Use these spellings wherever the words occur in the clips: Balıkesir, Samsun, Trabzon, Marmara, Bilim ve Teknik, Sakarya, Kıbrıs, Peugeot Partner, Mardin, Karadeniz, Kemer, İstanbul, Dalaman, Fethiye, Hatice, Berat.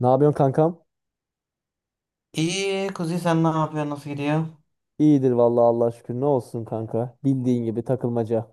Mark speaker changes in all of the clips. Speaker 1: Ne yapıyorsun kankam?
Speaker 2: İyi Kuzi, sen ne yapıyorsun, nasıl gidiyor?
Speaker 1: İyidir vallahi Allah şükür. Ne olsun kanka? Bildiğin gibi takılmaca.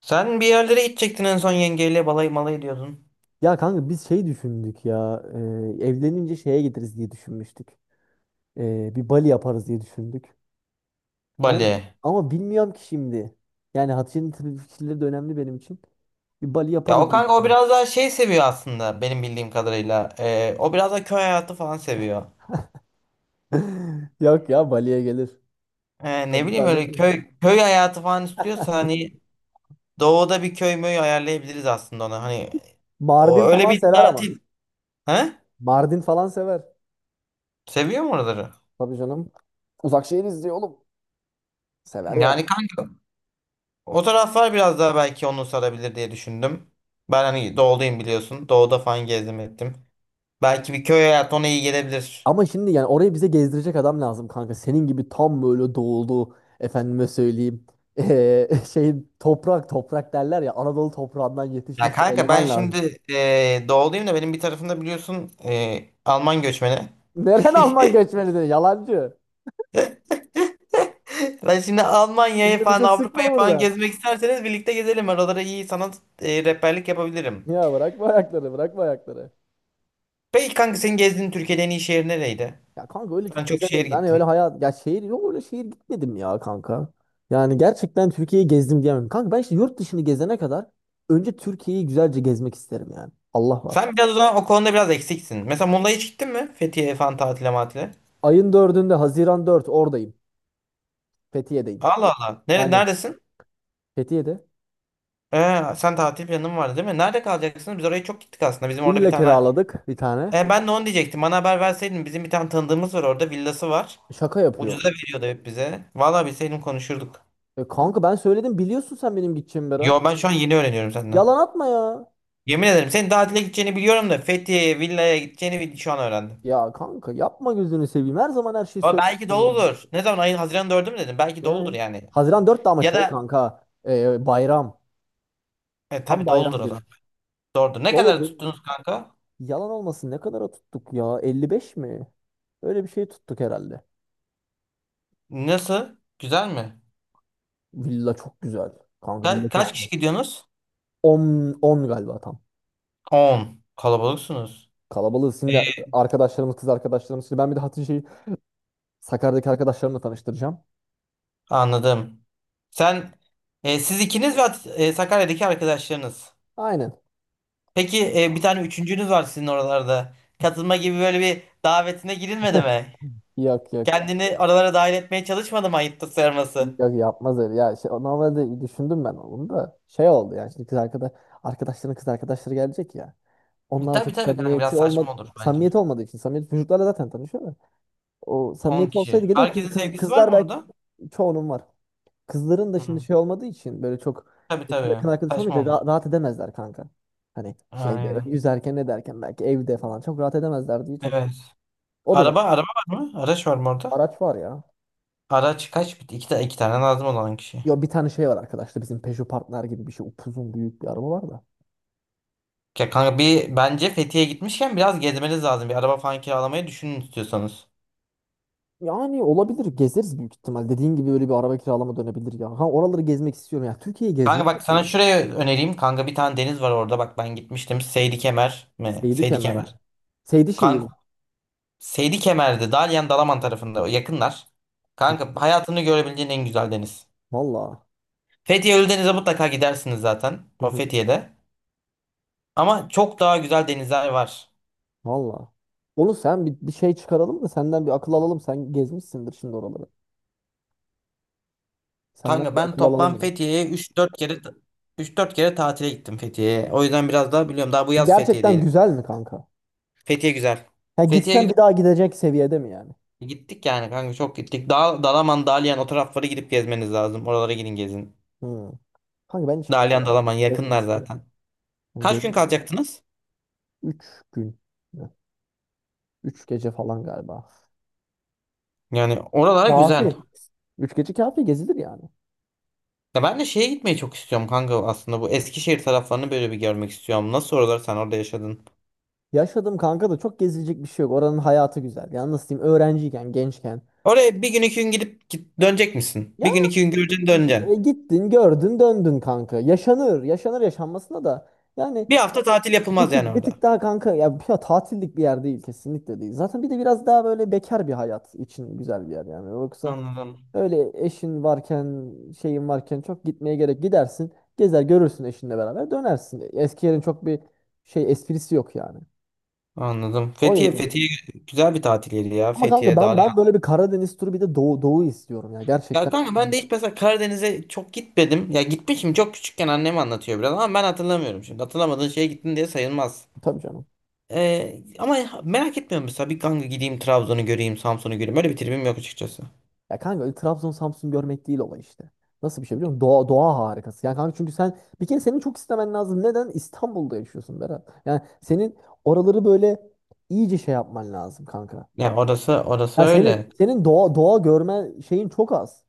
Speaker 2: Sen bir yerlere gidecektin en son yengeyle balayı malayı diyordun.
Speaker 1: Ya kanka biz şey düşündük ya. Evlenince şeye gideriz diye düşünmüştük. Bir Bali yaparız diye düşündük. Ama
Speaker 2: Bali.
Speaker 1: ama bilmiyorum ki şimdi. Yani Hatice'nin tabii fikirleri de önemli benim için. Bir Bali
Speaker 2: Ya o
Speaker 1: yaparız diye
Speaker 2: kanka, o
Speaker 1: düşündüm.
Speaker 2: biraz daha şey seviyor aslında benim bildiğim kadarıyla. O biraz da köy hayatı falan seviyor.
Speaker 1: Yok ya Bali'ye gelir.
Speaker 2: Ne
Speaker 1: Ben-
Speaker 2: bileyim,
Speaker 1: ben
Speaker 2: öyle köy hayatı falan istiyorsa hani doğuda bir köy möy ayarlayabiliriz aslında ona. Hani o
Speaker 1: Mardin
Speaker 2: öyle
Speaker 1: falan
Speaker 2: bir
Speaker 1: sever ama.
Speaker 2: tatil. He?
Speaker 1: Mardin falan sever.
Speaker 2: Seviyor mu oraları?
Speaker 1: Tabii canım. Uzak şey oğlum. Sever ya.
Speaker 2: Yani kanka, o taraflar biraz daha belki onu sarabilir diye düşündüm. Ben hani doğudayım biliyorsun. Doğuda falan gezdim ettim. Belki bir köy hayatı ona iyi gelebilir.
Speaker 1: Ama şimdi yani orayı bize gezdirecek adam lazım kanka. Senin gibi tam böyle doğulu efendime söyleyeyim. Şey toprak toprak derler ya, Anadolu toprağından
Speaker 2: Ya
Speaker 1: yetişmiş bir
Speaker 2: kanka ben
Speaker 1: eleman lazım.
Speaker 2: şimdi doğuluyum da benim bir tarafımda biliyorsun Alman göçmeni.
Speaker 1: Neren Alman göçmeni de yalancı.
Speaker 2: Ben şimdi Almanya'yı
Speaker 1: Şimdi
Speaker 2: falan
Speaker 1: bize sıkma
Speaker 2: Avrupa'yı falan
Speaker 1: burada.
Speaker 2: gezmek isterseniz birlikte gezelim. Oralara iyi sanat rehberlik yapabilirim.
Speaker 1: Ya bırakma ayakları, bırakma ayakları.
Speaker 2: Peki kanka, senin gezdiğin Türkiye'de en iyi şehir nereydi?
Speaker 1: Ya kanka öyle
Speaker 2: Sen
Speaker 1: çok
Speaker 2: çok şehir
Speaker 1: gezemedim. Ben
Speaker 2: gittin.
Speaker 1: öyle hayat ya şehir yok, öyle şehir gitmedim ya kanka. Yani gerçekten Türkiye'yi gezdim diyemem. Kanka ben işte yurt dışını gezene kadar önce Türkiye'yi güzelce gezmek isterim yani. Allah var.
Speaker 2: Sen biraz o zaman o konuda biraz eksiksin. Mesela Muğla'ya hiç gittin mi? Fethiye falan tatile matile.
Speaker 1: Ayın dördünde, 4 Haziran oradayım. Fethiye'deyim.
Speaker 2: Allah Allah.
Speaker 1: Aynen.
Speaker 2: Neredesin?
Speaker 1: Fethiye'de.
Speaker 2: Sen tatil planın vardı değil mi? Nerede kalacaksın? Biz oraya çok gittik aslında. Bizim orada bir
Speaker 1: İlla
Speaker 2: tane.
Speaker 1: kiraladık bir tane.
Speaker 2: Ben de onu diyecektim. Bana haber verseydin bizim bir tane tanıdığımız var, orada villası var.
Speaker 1: Şaka
Speaker 2: Ucuza
Speaker 1: yapıyorsun.
Speaker 2: veriyordu hep bize. Vallahi bilseydim konuşurduk.
Speaker 1: E kanka ben söyledim biliyorsun, sen benim gideceğimi Berat.
Speaker 2: Yo, ben şu an yeni öğreniyorum senden.
Speaker 1: Yalan atma ya.
Speaker 2: Yemin ederim senin tatile gideceğini biliyorum da Fethiye'ye villaya gideceğini şu an öğrendim.
Speaker 1: Ya kanka yapma, gözünü seveyim. Her zaman her şeyi
Speaker 2: Ama
Speaker 1: söylersin
Speaker 2: belki
Speaker 1: ya.
Speaker 2: doludur. Ne zaman, ayın Haziran 4'ü mü dedim? Belki
Speaker 1: Değil
Speaker 2: doludur
Speaker 1: mi?
Speaker 2: yani.
Speaker 1: 4 Haziran de ama
Speaker 2: Ya
Speaker 1: şey
Speaker 2: da
Speaker 1: kanka. Bayram. Tam
Speaker 2: tabii doludur
Speaker 1: bayram
Speaker 2: o
Speaker 1: günü.
Speaker 2: zaman. Doğrudur. Ne kadar
Speaker 1: Doludu.
Speaker 2: tuttunuz kanka?
Speaker 1: Yalan olmasın, ne kadara tuttuk ya? 55 mi? Öyle bir şey tuttuk herhalde.
Speaker 2: Nasıl? Güzel mi?
Speaker 1: Villa çok güzel. Kanka villa çok
Speaker 2: Kaç
Speaker 1: güzel.
Speaker 2: kişi gidiyorsunuz?
Speaker 1: 10 galiba tam.
Speaker 2: 10. Kalabalıksınız.
Speaker 1: Kalabalığız şimdi, arkadaşlarımız, kız arkadaşlarımız. Şimdi ben bir de Hatice'yi Sakarya'daki arkadaşlarımla tanıştıracağım.
Speaker 2: Anladım. Sen Siz ikiniz ve Sakarya'daki arkadaşlarınız.
Speaker 1: Aynen.
Speaker 2: Peki bir tane üçüncünüz var sizin oralarda. Katılma gibi böyle bir davetine girilmedi mi?
Speaker 1: Yok, yok.
Speaker 2: Kendini aralara dahil etmeye çalışmadı mı, ayıptır sarması?
Speaker 1: Yok yapmaz öyle. Ya şey, normalde düşündüm ben onu da. Şey oldu yani, şimdi kız arkadaş arkadaşların kız arkadaşları gelecek ya. Onlarla
Speaker 2: Tabii
Speaker 1: çok
Speaker 2: tabii kanka, biraz
Speaker 1: samimiyeti
Speaker 2: saçma
Speaker 1: olmadı,
Speaker 2: olur bence.
Speaker 1: samimiyeti olmadığı için, samimiyet çocuklarla zaten tanışıyor da. O
Speaker 2: 10
Speaker 1: samimiyeti
Speaker 2: kişi.
Speaker 1: olsaydı gelir kız,
Speaker 2: Herkesin sevgisi var
Speaker 1: kızlar
Speaker 2: mı
Speaker 1: belki
Speaker 2: orada?
Speaker 1: çoğunun var. Kızların da şimdi
Speaker 2: Hı.
Speaker 1: şey olmadığı için, böyle çok
Speaker 2: Tabii
Speaker 1: yakın
Speaker 2: tabii.
Speaker 1: arkadaş olmayınca
Speaker 2: Saçma olur.
Speaker 1: rahat edemezler kanka. Hani şeyde böyle
Speaker 2: Aynen.
Speaker 1: yüzerken ne derken belki evde falan çok rahat edemezler diye çok
Speaker 2: Evet.
Speaker 1: şey. O da zaten
Speaker 2: Araba var mı? Araç var mı orada?
Speaker 1: araç var ya.
Speaker 2: Araç kaç? İki, iki tane lazım olan kişi.
Speaker 1: Yo bir tane şey var arkadaşlar, bizim Peugeot Partner gibi bir şey, upuzun büyük bir araba var da.
Speaker 2: Ya kanka, bir bence Fethiye'ye gitmişken biraz gezmeniz lazım. Bir araba falan kiralamayı düşünün istiyorsanız.
Speaker 1: Yani olabilir, gezeriz büyük ihtimal. Dediğin gibi böyle bir araba kiralama dönebilir ya. Ha, oraları gezmek istiyorum ya. Türkiye'yi gezmek
Speaker 2: Kanka bak, sana
Speaker 1: istiyorum.
Speaker 2: şuraya önereyim. Kanka bir tane deniz var orada. Bak ben gitmiştim. Seydi Kemer mi?
Speaker 1: Seydi
Speaker 2: Seydi
Speaker 1: Kemer mi?
Speaker 2: Kemer.
Speaker 1: Seydi şehir.
Speaker 2: Kanka Seydi Kemer'de Dalyan Dalaman tarafında yakınlar. Kanka hayatını görebileceğin en güzel deniz.
Speaker 1: Valla.
Speaker 2: Fethiye Ölüdeniz'e mutlaka gidersiniz zaten. O Fethiye'de. Ama çok daha güzel denizler var.
Speaker 1: Valla. Onu sen bir, şey çıkaralım da senden bir akıl alalım. Sen gezmişsindir şimdi oraları. Senden
Speaker 2: Kanka
Speaker 1: bir
Speaker 2: ben
Speaker 1: akıl alalım
Speaker 2: toplam
Speaker 1: ya.
Speaker 2: Fethiye'ye üç dört kere tatile gittim Fethiye'ye. O yüzden biraz daha biliyorum. Daha bu yaz
Speaker 1: Gerçekten
Speaker 2: Fethiye'deydim.
Speaker 1: güzel mi kanka?
Speaker 2: Fethiye güzel.
Speaker 1: Ya
Speaker 2: Fethiye
Speaker 1: gitsen
Speaker 2: güzel.
Speaker 1: bir daha gidecek seviyede mi yani?
Speaker 2: Gittik yani kanka, çok gittik. Dalaman, Dalyan, o taraflara gidip gezmeniz lazım. Oralara gidin gezin.
Speaker 1: Hı. Kanka ben hiç gitmedim.
Speaker 2: Dalyan, Dalaman
Speaker 1: Gezmek
Speaker 2: yakınlar
Speaker 1: istedim.
Speaker 2: zaten.
Speaker 1: Yani
Speaker 2: Kaç gün
Speaker 1: gece
Speaker 2: kalacaktınız?
Speaker 1: üç gün. 3 gece falan galiba.
Speaker 2: Yani oralara güzel.
Speaker 1: Kafi. 3 gece kafi, gezilir yani.
Speaker 2: Ya ben de şeye gitmeyi çok istiyorum kanka aslında, bu Eskişehir taraflarını böyle bir görmek istiyorum. Nasıl oralar, sen orada yaşadın?
Speaker 1: Yaşadım kanka da çok gezilecek bir şey yok. Oranın hayatı güzel. Yani nasıl diyeyim, öğrenciyken, gençken.
Speaker 2: Oraya bir gün iki gün gidip dönecek misin?
Speaker 1: Ya
Speaker 2: Bir gün iki gün göreceksin döneceksin.
Speaker 1: gittin, gördün, döndün kanka. Yaşanır, yaşanır yaşanmasına da. Yani
Speaker 2: Bir hafta tatil
Speaker 1: bir
Speaker 2: yapılmaz yani
Speaker 1: tık, bir
Speaker 2: orada.
Speaker 1: tık daha kanka ya, bir ya tatillik bir yer değil, kesinlikle değil. Zaten bir de biraz daha böyle bekar bir hayat için güzel bir yer yani. Yoksa
Speaker 2: Anladım.
Speaker 1: öyle eşin varken, şeyin varken çok gitmeye gerek, gidersin. Gezer görürsün eşinle beraber dönersin. Eski yerin çok bir şey esprisi yok yani.
Speaker 2: Anladım.
Speaker 1: O
Speaker 2: Fethiye,
Speaker 1: yüzden.
Speaker 2: Fethiye güzel bir tatil yeri ya.
Speaker 1: Ama kanka
Speaker 2: Fethiye,
Speaker 1: ben
Speaker 2: Dalyan.
Speaker 1: böyle bir Karadeniz turu bir de doğu doğu istiyorum ya
Speaker 2: Ya
Speaker 1: gerçekten.
Speaker 2: kanka
Speaker 1: Hı.
Speaker 2: ben de hiç mesela Karadeniz'e çok gitmedim. Ya gitmişim çok küçükken, annem anlatıyor biraz ama ben hatırlamıyorum şimdi. Hatırlamadığın şeye gittin diye sayılmaz.
Speaker 1: Tabii canım.
Speaker 2: Ama merak etmiyorum mesela, bir kanka gideyim Trabzon'u göreyim, Samsun'u göreyim. Öyle bir tribim yok açıkçası.
Speaker 1: Ya kanka öyle Trabzon Samsun görmek değil olay işte. Nasıl bir şey biliyor musun? Doğa, doğa harikası. Yani kanka çünkü sen bir kere senin çok istemen lazım. Neden? İstanbul'da yaşıyorsun Berat. Yani senin oraları böyle iyice şey yapman lazım kanka. Ya
Speaker 2: Ya orası
Speaker 1: senin
Speaker 2: öyle.
Speaker 1: senin doğa doğa görme şeyin çok az.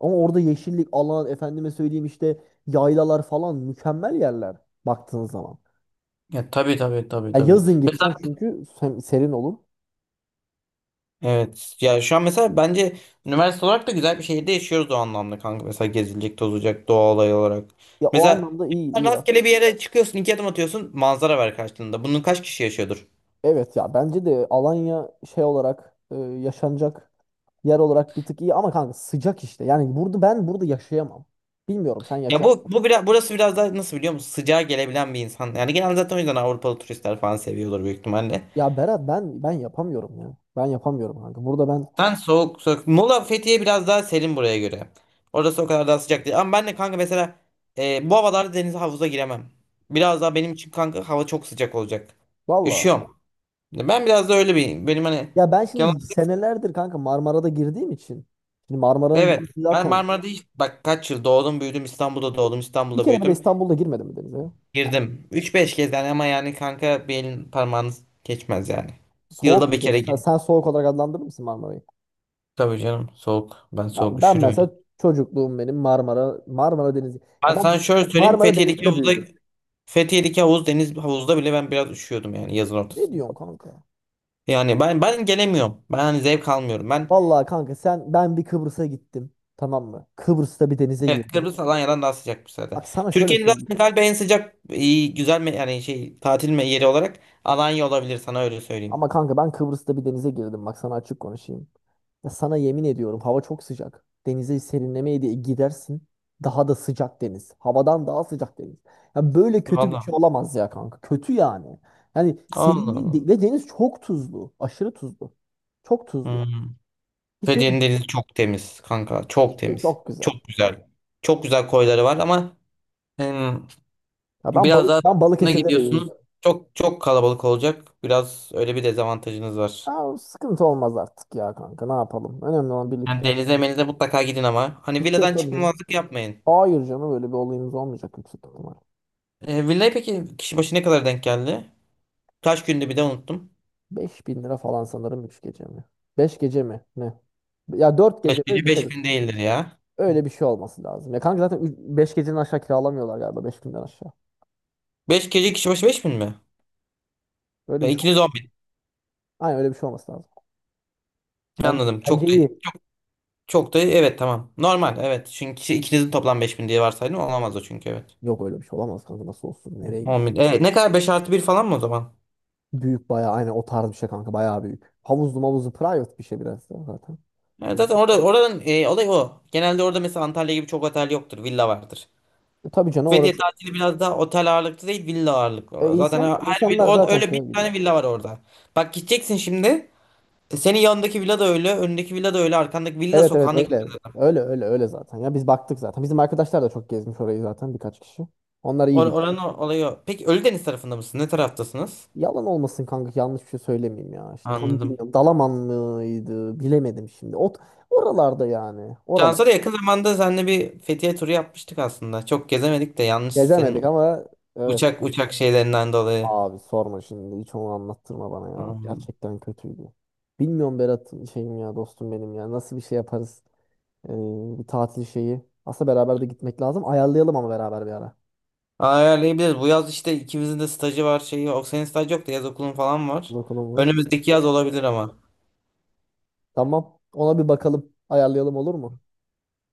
Speaker 1: Ama orada yeşillik, alan, efendime söyleyeyim, işte yaylalar falan mükemmel yerler baktığın zaman.
Speaker 2: Ya, tabii tabii tabii
Speaker 1: Ya
Speaker 2: tabii.
Speaker 1: yazın gideceksin
Speaker 2: Mesela
Speaker 1: çünkü serin olur.
Speaker 2: evet ya, şu an mesela bence üniversite olarak da güzel bir şehirde yaşıyoruz o anlamda kanka. Mesela gezilecek, tozulacak doğa olayı olarak.
Speaker 1: Ya o
Speaker 2: Mesela
Speaker 1: anlamda iyi, iyi yaz.
Speaker 2: rastgele bir yere çıkıyorsun, iki adım atıyorsun, manzara var karşılığında. Bunun kaç kişi yaşıyordur?
Speaker 1: Evet ya bence de Alanya şey olarak yaşanacak yer olarak bir tık iyi, ama kanka sıcak işte. Yani burada ben burada yaşayamam. Bilmiyorum, sen
Speaker 2: Ya
Speaker 1: yaşa.
Speaker 2: bu biraz burası biraz daha, nasıl biliyor musun? Sıcağa gelebilen bir insan. Yani genelde zaten o yüzden Avrupalı turistler falan seviyorlar büyük ihtimalle.
Speaker 1: Ya Berat ben yapamıyorum ya. Ben yapamıyorum kanka. Burada ben
Speaker 2: Sen soğuk soğuk. Muğla Fethiye biraz daha serin buraya göre. Orası o kadar daha sıcak değil. Ama ben de kanka mesela bu havalarda denize havuza giremem. Biraz daha benim için kanka hava çok sıcak olacak.
Speaker 1: valla.
Speaker 2: Üşüyorum. Ben biraz da öyle bir benim hani.
Speaker 1: Ya ben
Speaker 2: Kemal-
Speaker 1: şimdi senelerdir kanka Marmara'da girdiğim için. Şimdi Marmara'nın
Speaker 2: evet, ben
Speaker 1: zaten
Speaker 2: Marmara'da hiç bak kaç yıl doğdum büyüdüm, İstanbul'da doğdum,
Speaker 1: bir
Speaker 2: İstanbul'da
Speaker 1: kere bile
Speaker 2: büyüdüm.
Speaker 1: İstanbul'da girmedim mi denize?
Speaker 2: Girdim. Üç beş kez yani, ama yani kanka bir elin parmağınız geçmez yani.
Speaker 1: Soğuk
Speaker 2: Yılda bir
Speaker 1: mudur?
Speaker 2: kere
Speaker 1: Sen,
Speaker 2: girdim.
Speaker 1: soğuk olarak adlandırır mısın Marmara'yı?
Speaker 2: Tabii canım soğuk. Ben soğuk
Speaker 1: Ben mesela
Speaker 2: üşürüm.
Speaker 1: çocukluğum benim Marmara Denizi.
Speaker 2: Ben
Speaker 1: Ya
Speaker 2: sana
Speaker 1: ben
Speaker 2: şöyle söyleyeyim.
Speaker 1: Marmara
Speaker 2: Fethiye'deki
Speaker 1: Denizi'nde
Speaker 2: havuzda
Speaker 1: büyüdüm.
Speaker 2: Fethiye'deki havuz deniz havuzda bile ben biraz üşüyordum yani yazın
Speaker 1: Ne
Speaker 2: ortasında.
Speaker 1: diyorsun kanka?
Speaker 2: Yani ben gelemiyorum. Ben hani zevk almıyorum. Ben.
Speaker 1: Vallahi kanka sen, ben bir Kıbrıs'a gittim. Tamam mı? Kıbrıs'ta bir denize
Speaker 2: Evet,
Speaker 1: girdim.
Speaker 2: Kıbrıs Alanya'dan daha sıcakmış zaten.
Speaker 1: Bak sana şöyle
Speaker 2: Türkiye'nin
Speaker 1: söyleyeyim.
Speaker 2: zaten galiba en sıcak, iyi güzel mi yani şey tatil mi yeri olarak Alanya olabilir, sana öyle söyleyeyim.
Speaker 1: Ama kanka ben Kıbrıs'ta bir denize girdim. Bak sana açık konuşayım. Ya sana yemin ediyorum, hava çok sıcak. Denize serinlemeye diye gidersin. Daha da sıcak deniz. Havadan daha sıcak deniz. Ya böyle kötü bir şey
Speaker 2: Vallahi.
Speaker 1: olamaz ya kanka. Kötü yani. Yani
Speaker 2: Allah
Speaker 1: serinliği
Speaker 2: Allah.
Speaker 1: de- ve deniz çok tuzlu. Aşırı tuzlu. Çok tuzlu.
Speaker 2: Hmm.
Speaker 1: Hiç öyle
Speaker 2: Fethiye'nin denizi çok temiz kanka. Çok
Speaker 1: işte,
Speaker 2: temiz.
Speaker 1: çok
Speaker 2: Çok
Speaker 1: güzel.
Speaker 2: güzel. Çok güzel koyları var ama em,
Speaker 1: Ya ben
Speaker 2: biraz daha
Speaker 1: ben
Speaker 2: buna
Speaker 1: Balıkesir'de de yüzdüm.
Speaker 2: gidiyorsunuz. Çok çok kalabalık olacak. Biraz öyle bir dezavantajınız var.
Speaker 1: Aa, sıkıntı olmaz artık ya kanka, ne yapalım. Önemli olan
Speaker 2: Yani
Speaker 1: birlikte. Gideceğiz,
Speaker 2: denize menize mutlaka gidin ama, hani
Speaker 1: gideceğiz
Speaker 2: villadan
Speaker 1: tabii canım.
Speaker 2: çıkmamazlık yapmayın.
Speaker 1: Hayır canım öyle bir olayımız olmayacak yüksek ihtimal.
Speaker 2: Villaya peki kişi başı ne kadar denk geldi? Kaç gündü bir de unuttum.
Speaker 1: 5.000 lira falan sanırım, 3 gece mi? 5 gece mi? Ne? Ya 4 gece
Speaker 2: beş
Speaker 1: mi? Öyle
Speaker 2: gece
Speaker 1: bir şey.
Speaker 2: 5000 değildir ya.
Speaker 1: Öyle bir şey olması lazım. Ya kanka zaten 5 gecenin aşağı kiralamıyorlar galiba 5.000'den aşağı.
Speaker 2: 5 gece kişi başı 5000 mi?
Speaker 1: Öyle bir şey
Speaker 2: İkiniz
Speaker 1: olması
Speaker 2: 10 bin.
Speaker 1: lazım. Aynen, öyle bir şey olması lazım. Bence,
Speaker 2: Anladım.
Speaker 1: bence
Speaker 2: Çok da
Speaker 1: iyi.
Speaker 2: çok da evet, tamam. Normal evet. Çünkü ikinizin toplam 5000 diye varsaydım olamaz o, çünkü evet.
Speaker 1: Yok öyle bir şey olamaz kanka, nasıl olsun, nereye
Speaker 2: 10
Speaker 1: gidiyor?
Speaker 2: bin. Evet, ne kadar, 5+1 falan mı o zaman?
Speaker 1: Büyük bayağı, aynen o tarz bir şey kanka, bayağı büyük. Havuzlu mavuzlu, private bir şey biraz da zaten.
Speaker 2: Evet,
Speaker 1: Hani,
Speaker 2: zaten orada, oradan olay o. Genelde orada mesela Antalya gibi çok otel yoktur. Villa vardır.
Speaker 1: tabii canım
Speaker 2: Fethiye
Speaker 1: orası.
Speaker 2: tatili biraz daha otel ağırlıklı değil, villa ağırlıklı. Zaten
Speaker 1: İnsan
Speaker 2: her bir
Speaker 1: insanlar
Speaker 2: orada
Speaker 1: zaten
Speaker 2: öyle
Speaker 1: şey
Speaker 2: bir
Speaker 1: biliyor.
Speaker 2: tane villa var orada. Bak gideceksin şimdi. Senin yanındaki villa da öyle, önündeki villa da öyle, arkandaki villa
Speaker 1: Evet, evet
Speaker 2: sokağına.
Speaker 1: öyle. Öyle, öyle, öyle zaten. Ya biz baktık zaten. Bizim arkadaşlar da çok gezmiş orayı zaten, birkaç kişi. Onlar iyi biliyor.
Speaker 2: Oranın olayı o. Peki Ölüdeniz tarafında mısın? Ne taraftasınız?
Speaker 1: Yalan olmasın kanka, yanlış bir şey söylemeyeyim ya. İşte tam
Speaker 2: Anladım.
Speaker 1: bilmiyorum. Dalaman mıydı? Bilemedim şimdi. Ot oralarda yani. Oralar.
Speaker 2: Şansa da yakın zamanda seninle bir Fethiye turu yapmıştık aslında. Çok gezemedik de yanlış
Speaker 1: Gezemedik
Speaker 2: senin
Speaker 1: ama evet.
Speaker 2: uçak şeylerinden dolayı.
Speaker 1: Abi sorma şimdi. Hiç onu anlattırma bana ya.
Speaker 2: Anladım.
Speaker 1: Gerçekten kötüydü. Bilmiyorum Berat, şeyim ya, dostum benim ya. Nasıl bir şey yaparız? Ee, bir tatil şeyi. Aslında beraber de gitmek lazım. Ayarlayalım ama beraber bir ara.
Speaker 2: Ayarlayabiliriz. Bu yaz işte ikimizin de stajı var şeyi. O senin staj yok da yaz okulun falan var.
Speaker 1: Bakalım var.
Speaker 2: Önümüzdeki yaz olabilir ama.
Speaker 1: Tamam. Ona bir bakalım. Ayarlayalım, olur mu?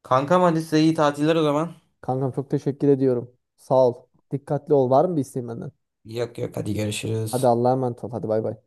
Speaker 2: Kankam, hadi size iyi tatiller o zaman.
Speaker 1: Kankam çok teşekkür ediyorum. Sağ ol. Dikkatli ol. Var mı bir isteğin benden?
Speaker 2: Yok yok, hadi
Speaker 1: Hadi
Speaker 2: görüşürüz.
Speaker 1: Allah'a emanet ol. Hadi bay bay.